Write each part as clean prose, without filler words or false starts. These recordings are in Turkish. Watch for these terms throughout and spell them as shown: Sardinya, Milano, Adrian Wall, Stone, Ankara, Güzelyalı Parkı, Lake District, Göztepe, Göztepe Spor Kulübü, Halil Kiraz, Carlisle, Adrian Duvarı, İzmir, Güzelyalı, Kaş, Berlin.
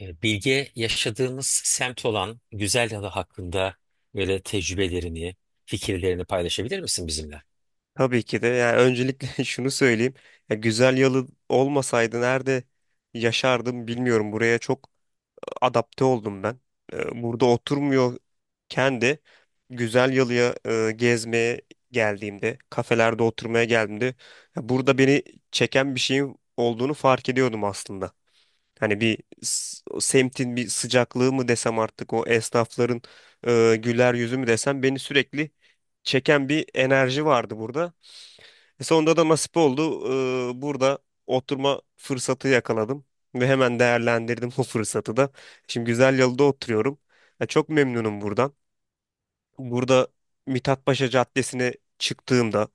Bilge, yaşadığımız semt olan güzel yalı hakkında böyle tecrübelerini, fikirlerini paylaşabilir misin bizimle? Tabii ki de. Yani öncelikle şunu söyleyeyim. Ya güzel yalı olmasaydı nerede yaşardım bilmiyorum. Buraya çok adapte oldum ben. Burada oturmuyorken de güzel yalıya gezmeye geldiğimde, kafelerde oturmaya geldiğimde ya burada beni çeken bir şeyin olduğunu fark ediyordum aslında. O semtin bir sıcaklığı mı desem artık o esnafların güler yüzü mü desem beni sürekli çeken bir enerji vardı burada. Sonunda da nasip oldu. Burada oturma fırsatı yakaladım ve hemen değerlendirdim bu fırsatı da. Şimdi güzel yalıda oturuyorum. Ya çok memnunum buradan. Burada Mithatpaşa Caddesi'ne çıktığımda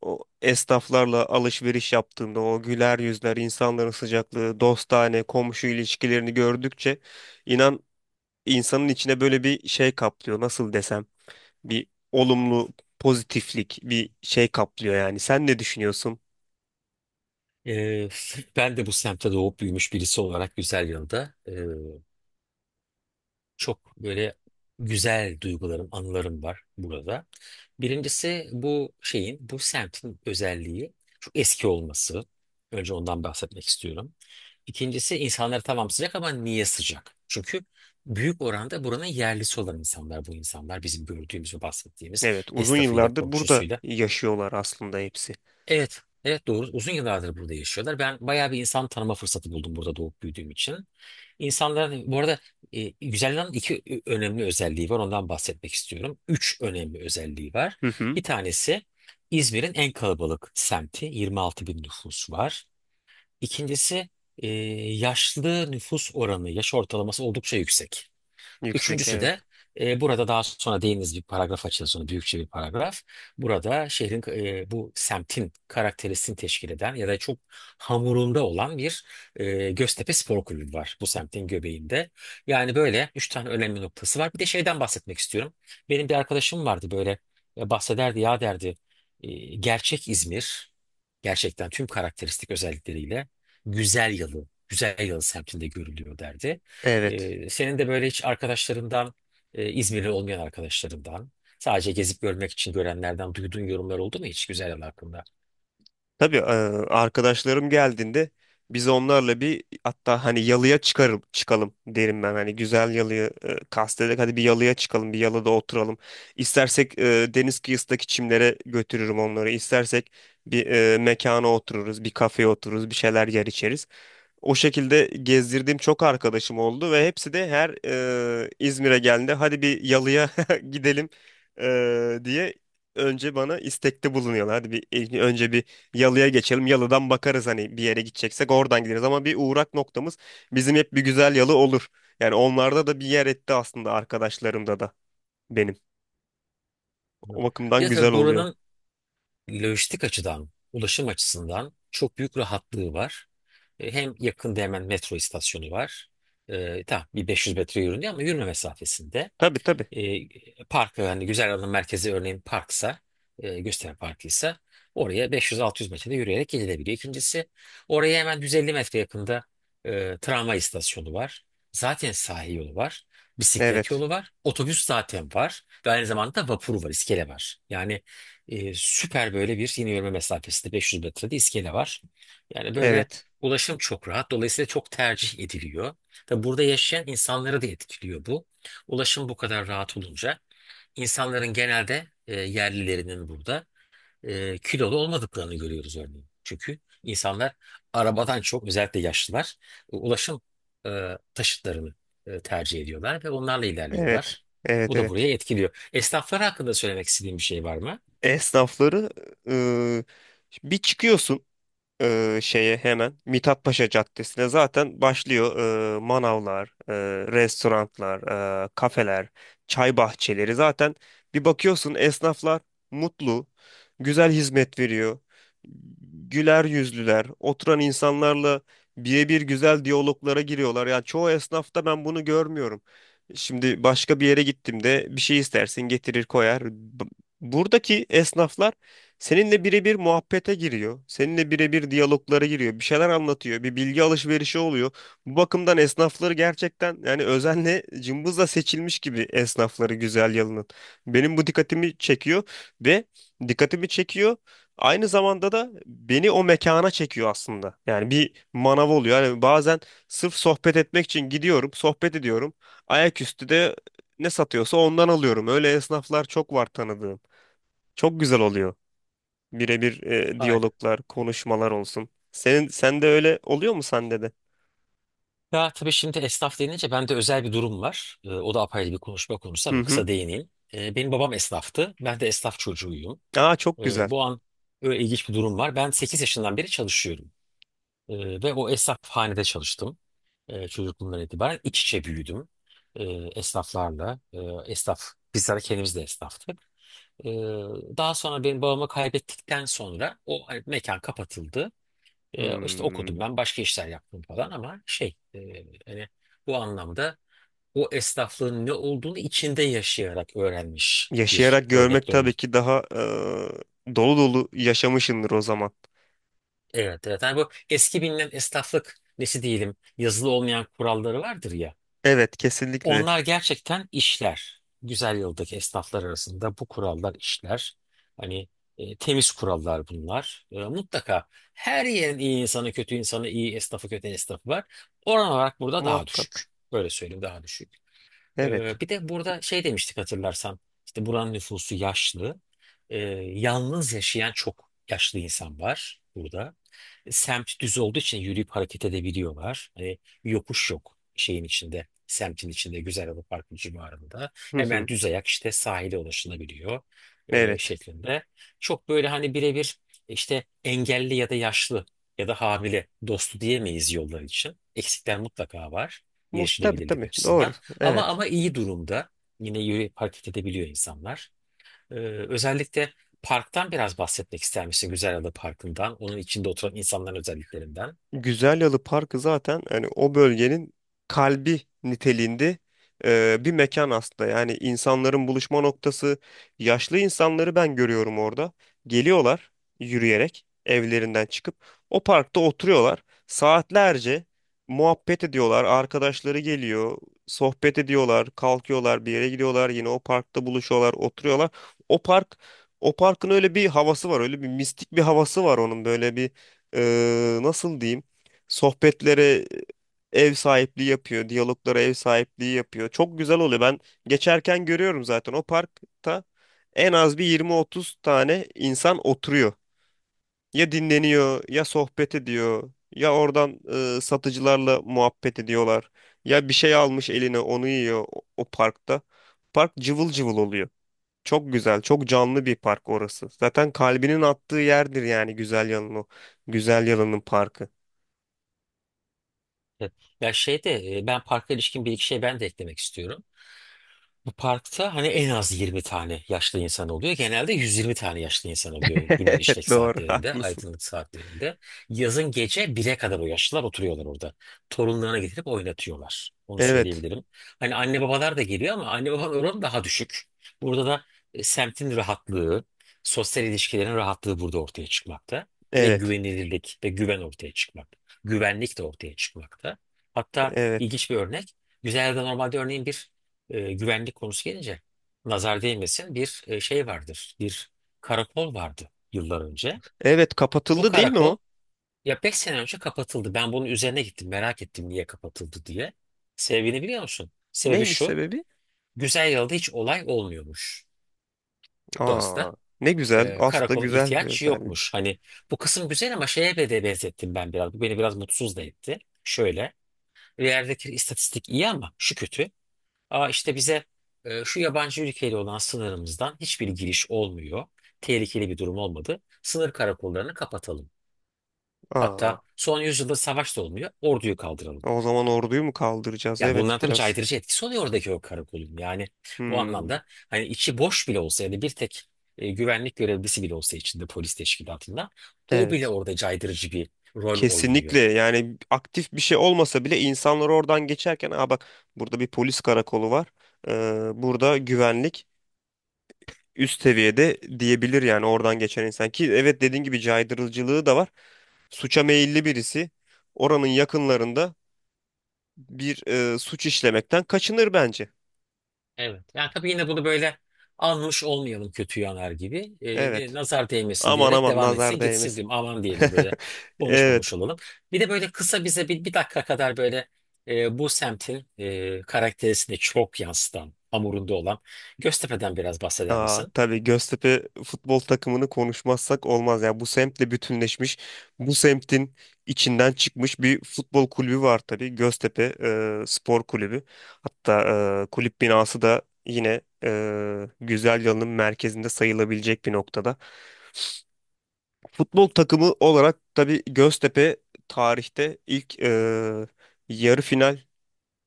o esnaflarla alışveriş yaptığımda o güler yüzler, insanların sıcaklığı, dostane, komşu ilişkilerini gördükçe inan insanın içine böyle bir şey kaplıyor. Nasıl desem? Bir olumlu pozitiflik, bir şey kaplıyor yani. Sen ne düşünüyorsun? E, Ben de bu semtte doğup büyümüş birisi olarak Güzelyalı'da çok böyle güzel duygularım, anılarım var burada. Birincisi, bu şeyin, bu semtin özelliği çok eski olması. Önce ondan bahsetmek istiyorum. İkincisi, insanlar tamam sıcak ama niye sıcak? Çünkü büyük oranda buranın yerlisi olan insanlar bu insanlar. Bizim gördüğümüz ve bahsettiğimiz Evet, uzun esnafıyla, yıllardır burada komşusuyla. yaşıyorlar aslında hepsi. Evet, evet, doğru. Uzun yıllardır burada yaşıyorlar. Ben bayağı bir insan tanıma fırsatı buldum burada doğup büyüdüğüm için. İnsanların bu arada güzelliğin iki önemli özelliği var. Ondan bahsetmek istiyorum. Üç önemli özelliği var. Hı hı. Bir tanesi İzmir'in en kalabalık semti. 26 bin nüfus var. İkincisi e, yaşlı nüfus oranı, yaş ortalaması oldukça yüksek. Yüksek Üçüncüsü evet. de burada daha sonra değiniz bir paragraf açılsın, büyükçe bir paragraf. Burada şehrin, bu semtin karakterisini teşkil eden ya da çok hamurunda olan bir Göztepe Spor Kulübü var bu semtin göbeğinde. Yani böyle üç tane önemli noktası var. Bir de şeyden bahsetmek istiyorum. Benim bir arkadaşım vardı böyle, bahsederdi ya, derdi gerçek İzmir gerçekten tüm karakteristik özellikleriyle güzel yalı, güzel yalı semtinde görülüyor derdi. Evet. Senin de böyle hiç arkadaşlarından, İzmirli olmayan arkadaşlarından, sadece gezip görmek için görenlerden duyduğun yorumlar oldu mu hiç güzel yer hakkında? Tabii arkadaşlarım geldiğinde biz onlarla bir hatta hani yalıya çıkarım, çıkalım derim ben. Hani güzel yalıyı kastederek hadi bir yalıya çıkalım, bir yalıda oturalım. İstersek deniz kıyısındaki çimlere götürürüm onları. İstersek bir mekana otururuz, bir kafeye otururuz, bir şeyler yer içeriz. O şekilde gezdirdiğim çok arkadaşım oldu ve hepsi de her İzmir'e geldiğinde hadi bir yalıya gidelim diye önce bana istekte bulunuyorlar. Hadi bir önce bir yalıya geçelim. Yalıdan bakarız hani bir yere gideceksek oradan gideriz ama bir uğrak noktamız bizim hep bir güzel yalı olur. Yani onlarda da bir yer etti aslında arkadaşlarımda da benim. O Anladım. Bir bakımdan de güzel tabii oluyor. buranın lojistik açıdan, ulaşım açısından çok büyük rahatlığı var. Hem yakında hemen metro istasyonu var. Tamam, bir 500 metre yürünüyor ama yürüme mesafesinde. Tabii, tabii. e, Park, hani güzel alım merkezi, örneğin parksa, gösteri parkıysa, oraya 500-600 metrede yürüyerek gidilebiliyor. İkincisi, oraya hemen 150 metre yakında tramvay istasyonu var. Zaten sahil yolu var. Bisiklet Evet. yolu var. Otobüs zaten var. Ve aynı zamanda da vapuru var, iskele var. Yani süper böyle bir, yine yürüme mesafesinde 500 metrede iskele var. Yani böyle Evet. ulaşım çok rahat. Dolayısıyla çok tercih ediliyor. Tabi burada yaşayan insanları da etkiliyor bu. Ulaşım bu kadar rahat olunca insanların, genelde yerlilerinin burada kilolu olmadıklarını görüyoruz örneğin. Çünkü insanlar arabadan çok, özellikle yaşlılar, ulaşım taşıtlarını tercih ediyorlar ve onlarla Evet. ilerliyorlar. Evet, Bu da evet. buraya etkiliyor. Esnaflar hakkında söylemek istediğim bir şey var mı? Esnafları e, bir çıkıyorsun şeye hemen Mithat Paşa Caddesi'ne zaten başlıyor manavlar, restoranlar, kafeler, çay bahçeleri. Zaten bir bakıyorsun esnaflar mutlu, güzel hizmet veriyor. Güler yüzlüler, oturan insanlarla birebir güzel diyaloglara giriyorlar. Yani çoğu esnafta ben bunu görmüyorum. Şimdi başka bir yere gittim de bir şey istersin getirir koyar. Buradaki esnaflar seninle birebir muhabbete giriyor. Seninle birebir diyaloglara giriyor. Bir şeyler anlatıyor. Bir bilgi alışverişi oluyor. Bu bakımdan esnafları gerçekten yani özenle cımbızla seçilmiş gibi esnafları güzel yalının. Benim bu dikkatimi çekiyor ve dikkatimi çekiyor. Aynı zamanda da beni o mekana çekiyor aslında. Yani bir manav oluyor. Yani bazen sırf sohbet etmek için gidiyorum, sohbet ediyorum. Ayaküstü de ne satıyorsa ondan alıyorum. Öyle esnaflar çok var tanıdığım. Çok güzel oluyor. Birebir Hayır. diyaloglar, konuşmalar olsun. Senin sen de öyle oluyor mu sende de? Ya tabii, şimdi esnaf denince bende özel bir durum var. O da apayrı bir konuşma konusu Hı ama hı. kısa değineyim. Benim babam esnaftı. Ben de esnaf çocuğuyum. Aa, çok güzel. Bu an öyle ilginç bir durum var. Ben 8 yaşından beri çalışıyorum. Ve o esnafhanede çalıştım. Çocukluğumdan itibaren iç içe büyüdüm Ee, esnaflarla. Esnaf, Bizler kendimiz de esnaftık. Ee, Daha sonra, benim babamı kaybettikten sonra, o hani mekan kapatıldı. İşte Hmm. okudum, ben başka işler yaptım falan ama hani bu anlamda o esnaflığın ne olduğunu içinde yaşayarak öğrenmiş bir Yaşayarak örnek. görmek tabii ki daha dolu dolu yaşamışındır o zaman. Evet, evet. Hani bu eski bilinen esnaflık nesi diyelim, yazılı olmayan kuralları vardır ya. Evet, kesinlikle. Onlar gerçekten işler. Güzel yıldaki esnaflar arasında bu kurallar işler. Hani temiz kurallar bunlar. Mutlaka her yerin iyi insanı, kötü insanı, iyi esnafı, kötü esnafı var. Oran olarak burada daha düşük. Muhakkak. Böyle söyleyeyim, daha düşük. Evet. Bir de burada şey demiştik, hatırlarsan. İşte buranın nüfusu yaşlı. E, Yalnız yaşayan çok yaşlı insan var burada, semt düz olduğu için yürüyüp hareket edebiliyorlar. Hani yokuş yok şeyin içinde, semtin içinde, Güzel Parkı civarında. Hı Hemen hı. düz ayak işte sahile ulaşılabiliyor Evet. şeklinde. Çok böyle hani birebir işte engelli ya da yaşlı ya da hamile dostu diyemeyiz yollar için. Eksikler mutlaka var Muht tabii, erişilebilirlik tabii. Doğru. açısından. Ama Evet. ama iyi durumda. Yine yürüyüp hareket edebiliyor insanlar. Ee, Özellikle parktan biraz bahsetmek ister misin? Güzelada Parkı'ndan, onun içinde oturan insanların özelliklerinden. Güzelyalı Parkı zaten hani o bölgenin kalbi niteliğinde bir mekan aslında. Yani insanların buluşma noktası. Yaşlı insanları ben görüyorum orada. Geliyorlar yürüyerek evlerinden çıkıp o parkta oturuyorlar. Saatlerce muhabbet ediyorlar. Arkadaşları geliyor, sohbet ediyorlar, kalkıyorlar, bir yere gidiyorlar, yine o parkta buluşuyorlar, oturuyorlar. O park o parkın öyle bir havası var, öyle bir mistik bir havası var onun böyle bir nasıl diyeyim? Sohbetlere ev sahipliği yapıyor, diyaloglara ev sahipliği yapıyor. Çok güzel oluyor. Ben geçerken görüyorum zaten o parkta en az bir 20-30 tane insan oturuyor. Ya dinleniyor, ya sohbet ediyor, ya oradan satıcılarla muhabbet ediyorlar. Ya bir şey almış eline onu yiyor o, o parkta. Park cıvıl cıvıl oluyor. Çok güzel, çok canlı bir park orası. Zaten kalbinin attığı yerdir yani güzel yanın o. Güzel Yalı'nın parkı. Evet. Ya ben parka ilişkin bir iki şey ben de eklemek istiyorum. Bu parkta hani en az 20 tane yaşlı insan oluyor. Genelde 120 tane yaşlı insan oluyor günün Evet, işlek doğru saatlerinde, haklısın. aydınlık saatlerinde. Yazın gece 1'e kadar o yaşlılar oturuyorlar orada. Torunlarına getirip oynatıyorlar. Onu Evet. söyleyebilirim. Hani anne babalar da geliyor ama anne babanın oranı daha düşük. Burada da semtin rahatlığı, sosyal ilişkilerin rahatlığı burada ortaya çıkmakta. Ve Evet. güvenilirlik ve güven ortaya çıkmakta. Güvenlik de ortaya çıkmakta. Hatta Evet. ilginç bir örnek. Güzel'de normalde, örneğin, bir güvenlik konusu gelince, nazar değmesin, bir şey vardır. Bir karakol vardı yıllar önce. Evet, Bu kapatıldı değil mi karakol o? ya 5 sene önce kapatıldı. Ben bunun üzerine gittim, merak ettim niye kapatıldı diye. Sebebini biliyor musun? Sebebi Neymiş şu. sebebi? Güzel yılda hiç olay olmuyormuş. Aa, Dolayısıyla ne güzel. Aslında karakola güzel bir ihtiyaç özellik. yokmuş. Hani bu kısım güzel ama şeye be de benzettim ben biraz. Bu beni biraz mutsuz da etti. Şöyle. Bir yerdeki istatistik iyi ama şu kötü. Aa, işte bize şu yabancı ülkeyle olan sınırımızdan hiçbir giriş olmuyor. Tehlikeli bir durum olmadı. Sınır karakollarını kapatalım. Aa, Hatta son yüzyılda savaş da olmuyor. Orduyu kaldıralım. o zaman orduyu mu kaldıracağız? Ya Evet, bunların tabii biraz. caydırıcı etkisi oluyor, oradaki o karakolun. Yani bu Hmm, anlamda, hani içi boş bile olsa, yani bir tek güvenlik görevlisi bile olsa içinde, polis teşkilatında, o bile evet. orada caydırıcı bir rol oynuyor. Kesinlikle yani aktif bir şey olmasa bile insanlar oradan geçerken aa bak burada bir polis karakolu var. Burada güvenlik üst seviyede diyebilir yani oradan geçen insan ki evet dediğin gibi caydırıcılığı da var. Suça meyilli birisi oranın yakınlarında bir suç işlemekten kaçınır bence. Evet. Yani tabii, yine bunu böyle almış olmayalım kötü yanar gibi. Evet. Nazar değmesin Aman diyerek aman devam nazar etsin gitsin değmesin. diyorum. Aman diyelim, böyle konuşmamış Evet. olalım. Bir de böyle kısa bize bir dakika kadar böyle bu semtin karakterisini çok yansıtan, hamurunda olan Göztepe'den biraz bahseder Aa, misin? tabii Göztepe futbol takımını konuşmazsak olmaz. Ya bu semtle bütünleşmiş, bu semtin içinden çıkmış bir futbol kulübü var tabii. Göztepe Spor Kulübü. Hatta kulüp binası da yine Güzelyalı'nın merkezinde sayılabilecek bir noktada. Futbol takımı olarak tabii Göztepe tarihte ilk yarı final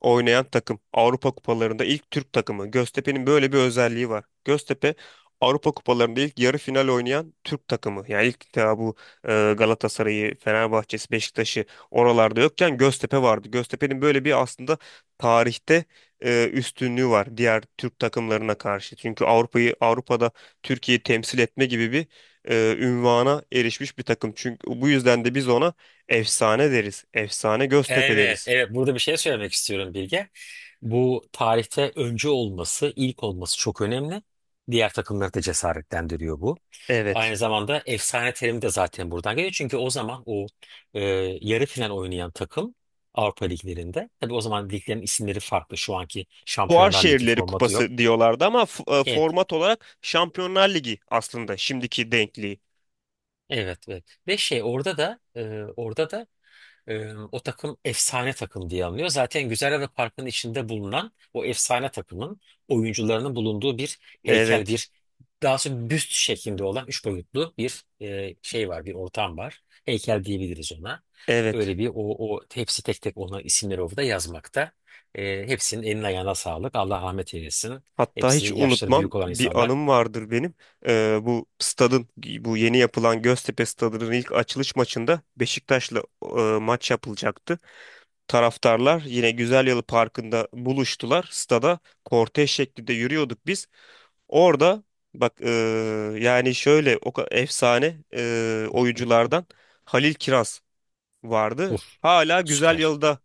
oynayan takım. Avrupa kupalarında ilk Türk takımı. Göztepe'nin böyle bir özelliği var. Göztepe Avrupa kupalarında ilk yarı final oynayan Türk takımı. Yani ilk daha bu Galatasaray'ı, Fenerbahçe'si, Beşiktaş'ı oralarda yokken Göztepe vardı. Göztepe'nin böyle bir aslında tarihte üstünlüğü var diğer Türk takımlarına karşı. Çünkü Avrupa'yı Avrupa'da Türkiye'yi temsil etme gibi bir ünvana erişmiş bir takım. Çünkü bu yüzden de biz ona efsane deriz. Efsane Göztepe Evet, deriz. evet. Burada bir şey söylemek istiyorum, Bilge. Bu tarihte öncü olması, ilk olması çok önemli. Diğer takımları da cesaretlendiriyor bu. Evet. Aynı zamanda efsane terimi de zaten buradan geliyor. Çünkü o zaman o e, yarı final oynayan takım Avrupa liglerinde. Tabii o zaman liglerin isimleri farklı. Şu anki Fuar Şampiyonlar Ligi Şehirleri formatı yok. Kupası diyorlardı ama f- e, Evet, format olarak Şampiyonlar Ligi aslında şimdiki denkliği. evet, evet. Ve şey orada da o takım efsane takım diye anılıyor. Zaten Güzelhave Parkı'nın içinde bulunan o efsane takımın oyuncularının bulunduğu bir heykel, Evet, bir daha sonra büst şeklinde olan üç boyutlu bir şey var, bir ortam var. Heykel diyebiliriz ona. evet. Öyle bir o, o hepsi tek tek ona isimleri orada yazmakta. Hepsinin eline ayağına sağlık. Allah rahmet eylesin. Hatta Hepsi hiç yaşları unutmam büyük olan bir insanlar. anım vardır benim. Bu stadın, bu yeni yapılan Göztepe Stadı'nın ilk açılış maçında Beşiktaş'la maç yapılacaktı. Taraftarlar yine Güzelyalı Parkı'nda buluştular. Stada kortej şeklinde yürüyorduk biz. Orada bak e, yani şöyle efsane oyunculardan Halil Kiraz vardı. Uf, Hala güzel süper. yılda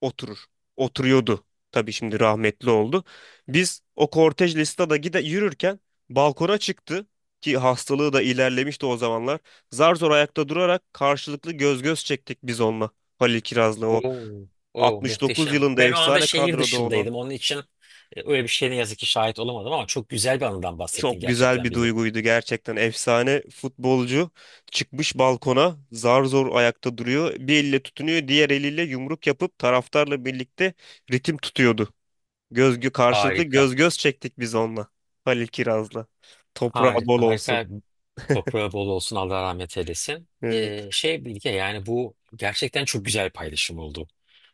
oturur. Oturuyordu. Tabii şimdi rahmetli oldu. Biz o kortej listada gide yürürken balkona çıktı ki hastalığı da ilerlemişti o zamanlar. Zar zor ayakta durarak karşılıklı göz göz çektik biz onunla. Halil Kiraz'la o Oo, oo, 69 muhteşem. yılında Ben o anda efsane şehir kadroda olan. dışındaydım. Onun için öyle bir şeye ne yazık ki şahit olamadım ama çok güzel bir anıdan Çok bahsettin güzel gerçekten, bir Billy. duyguydu gerçekten. Efsane futbolcu çıkmış balkona zar zor ayakta duruyor. Bir elle tutunuyor, diğer eliyle yumruk yapıp taraftarla birlikte ritim tutuyordu. Karşılıklı Harika. göz göz çektik biz onunla. Halil Kiraz'la. Toprağı bol Harika, olsun. harika. Toprağı bol olsun, Allah rahmet eylesin. Evet. Bilge, yani bu gerçekten çok güzel bir paylaşım oldu.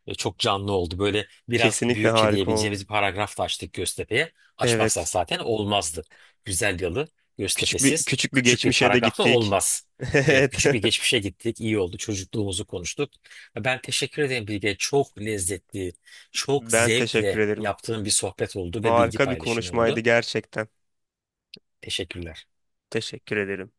Çok canlı oldu. Böyle biraz Kesinlikle büyükçe harika oldu. diyebileceğimiz bir paragraf da açtık Göztepe'ye. Açmazsak Evet. zaten olmazdı. Güzel yalı Küçük bir Göztepe'siz küçük bir küçük bir geçmişe de paragrafla gittik. olmaz. Evet, Evet. küçük bir geçmişe gittik. İyi oldu. Çocukluğumuzu konuştuk. Ben teşekkür ederim, Bilge. Çok lezzetli, çok Ben teşekkür zevkle ederim. yaptığım bir sohbet oldu ve bilgi Harika bir paylaşımı konuşmaydı oldu. gerçekten. Teşekkürler. Teşekkür ederim.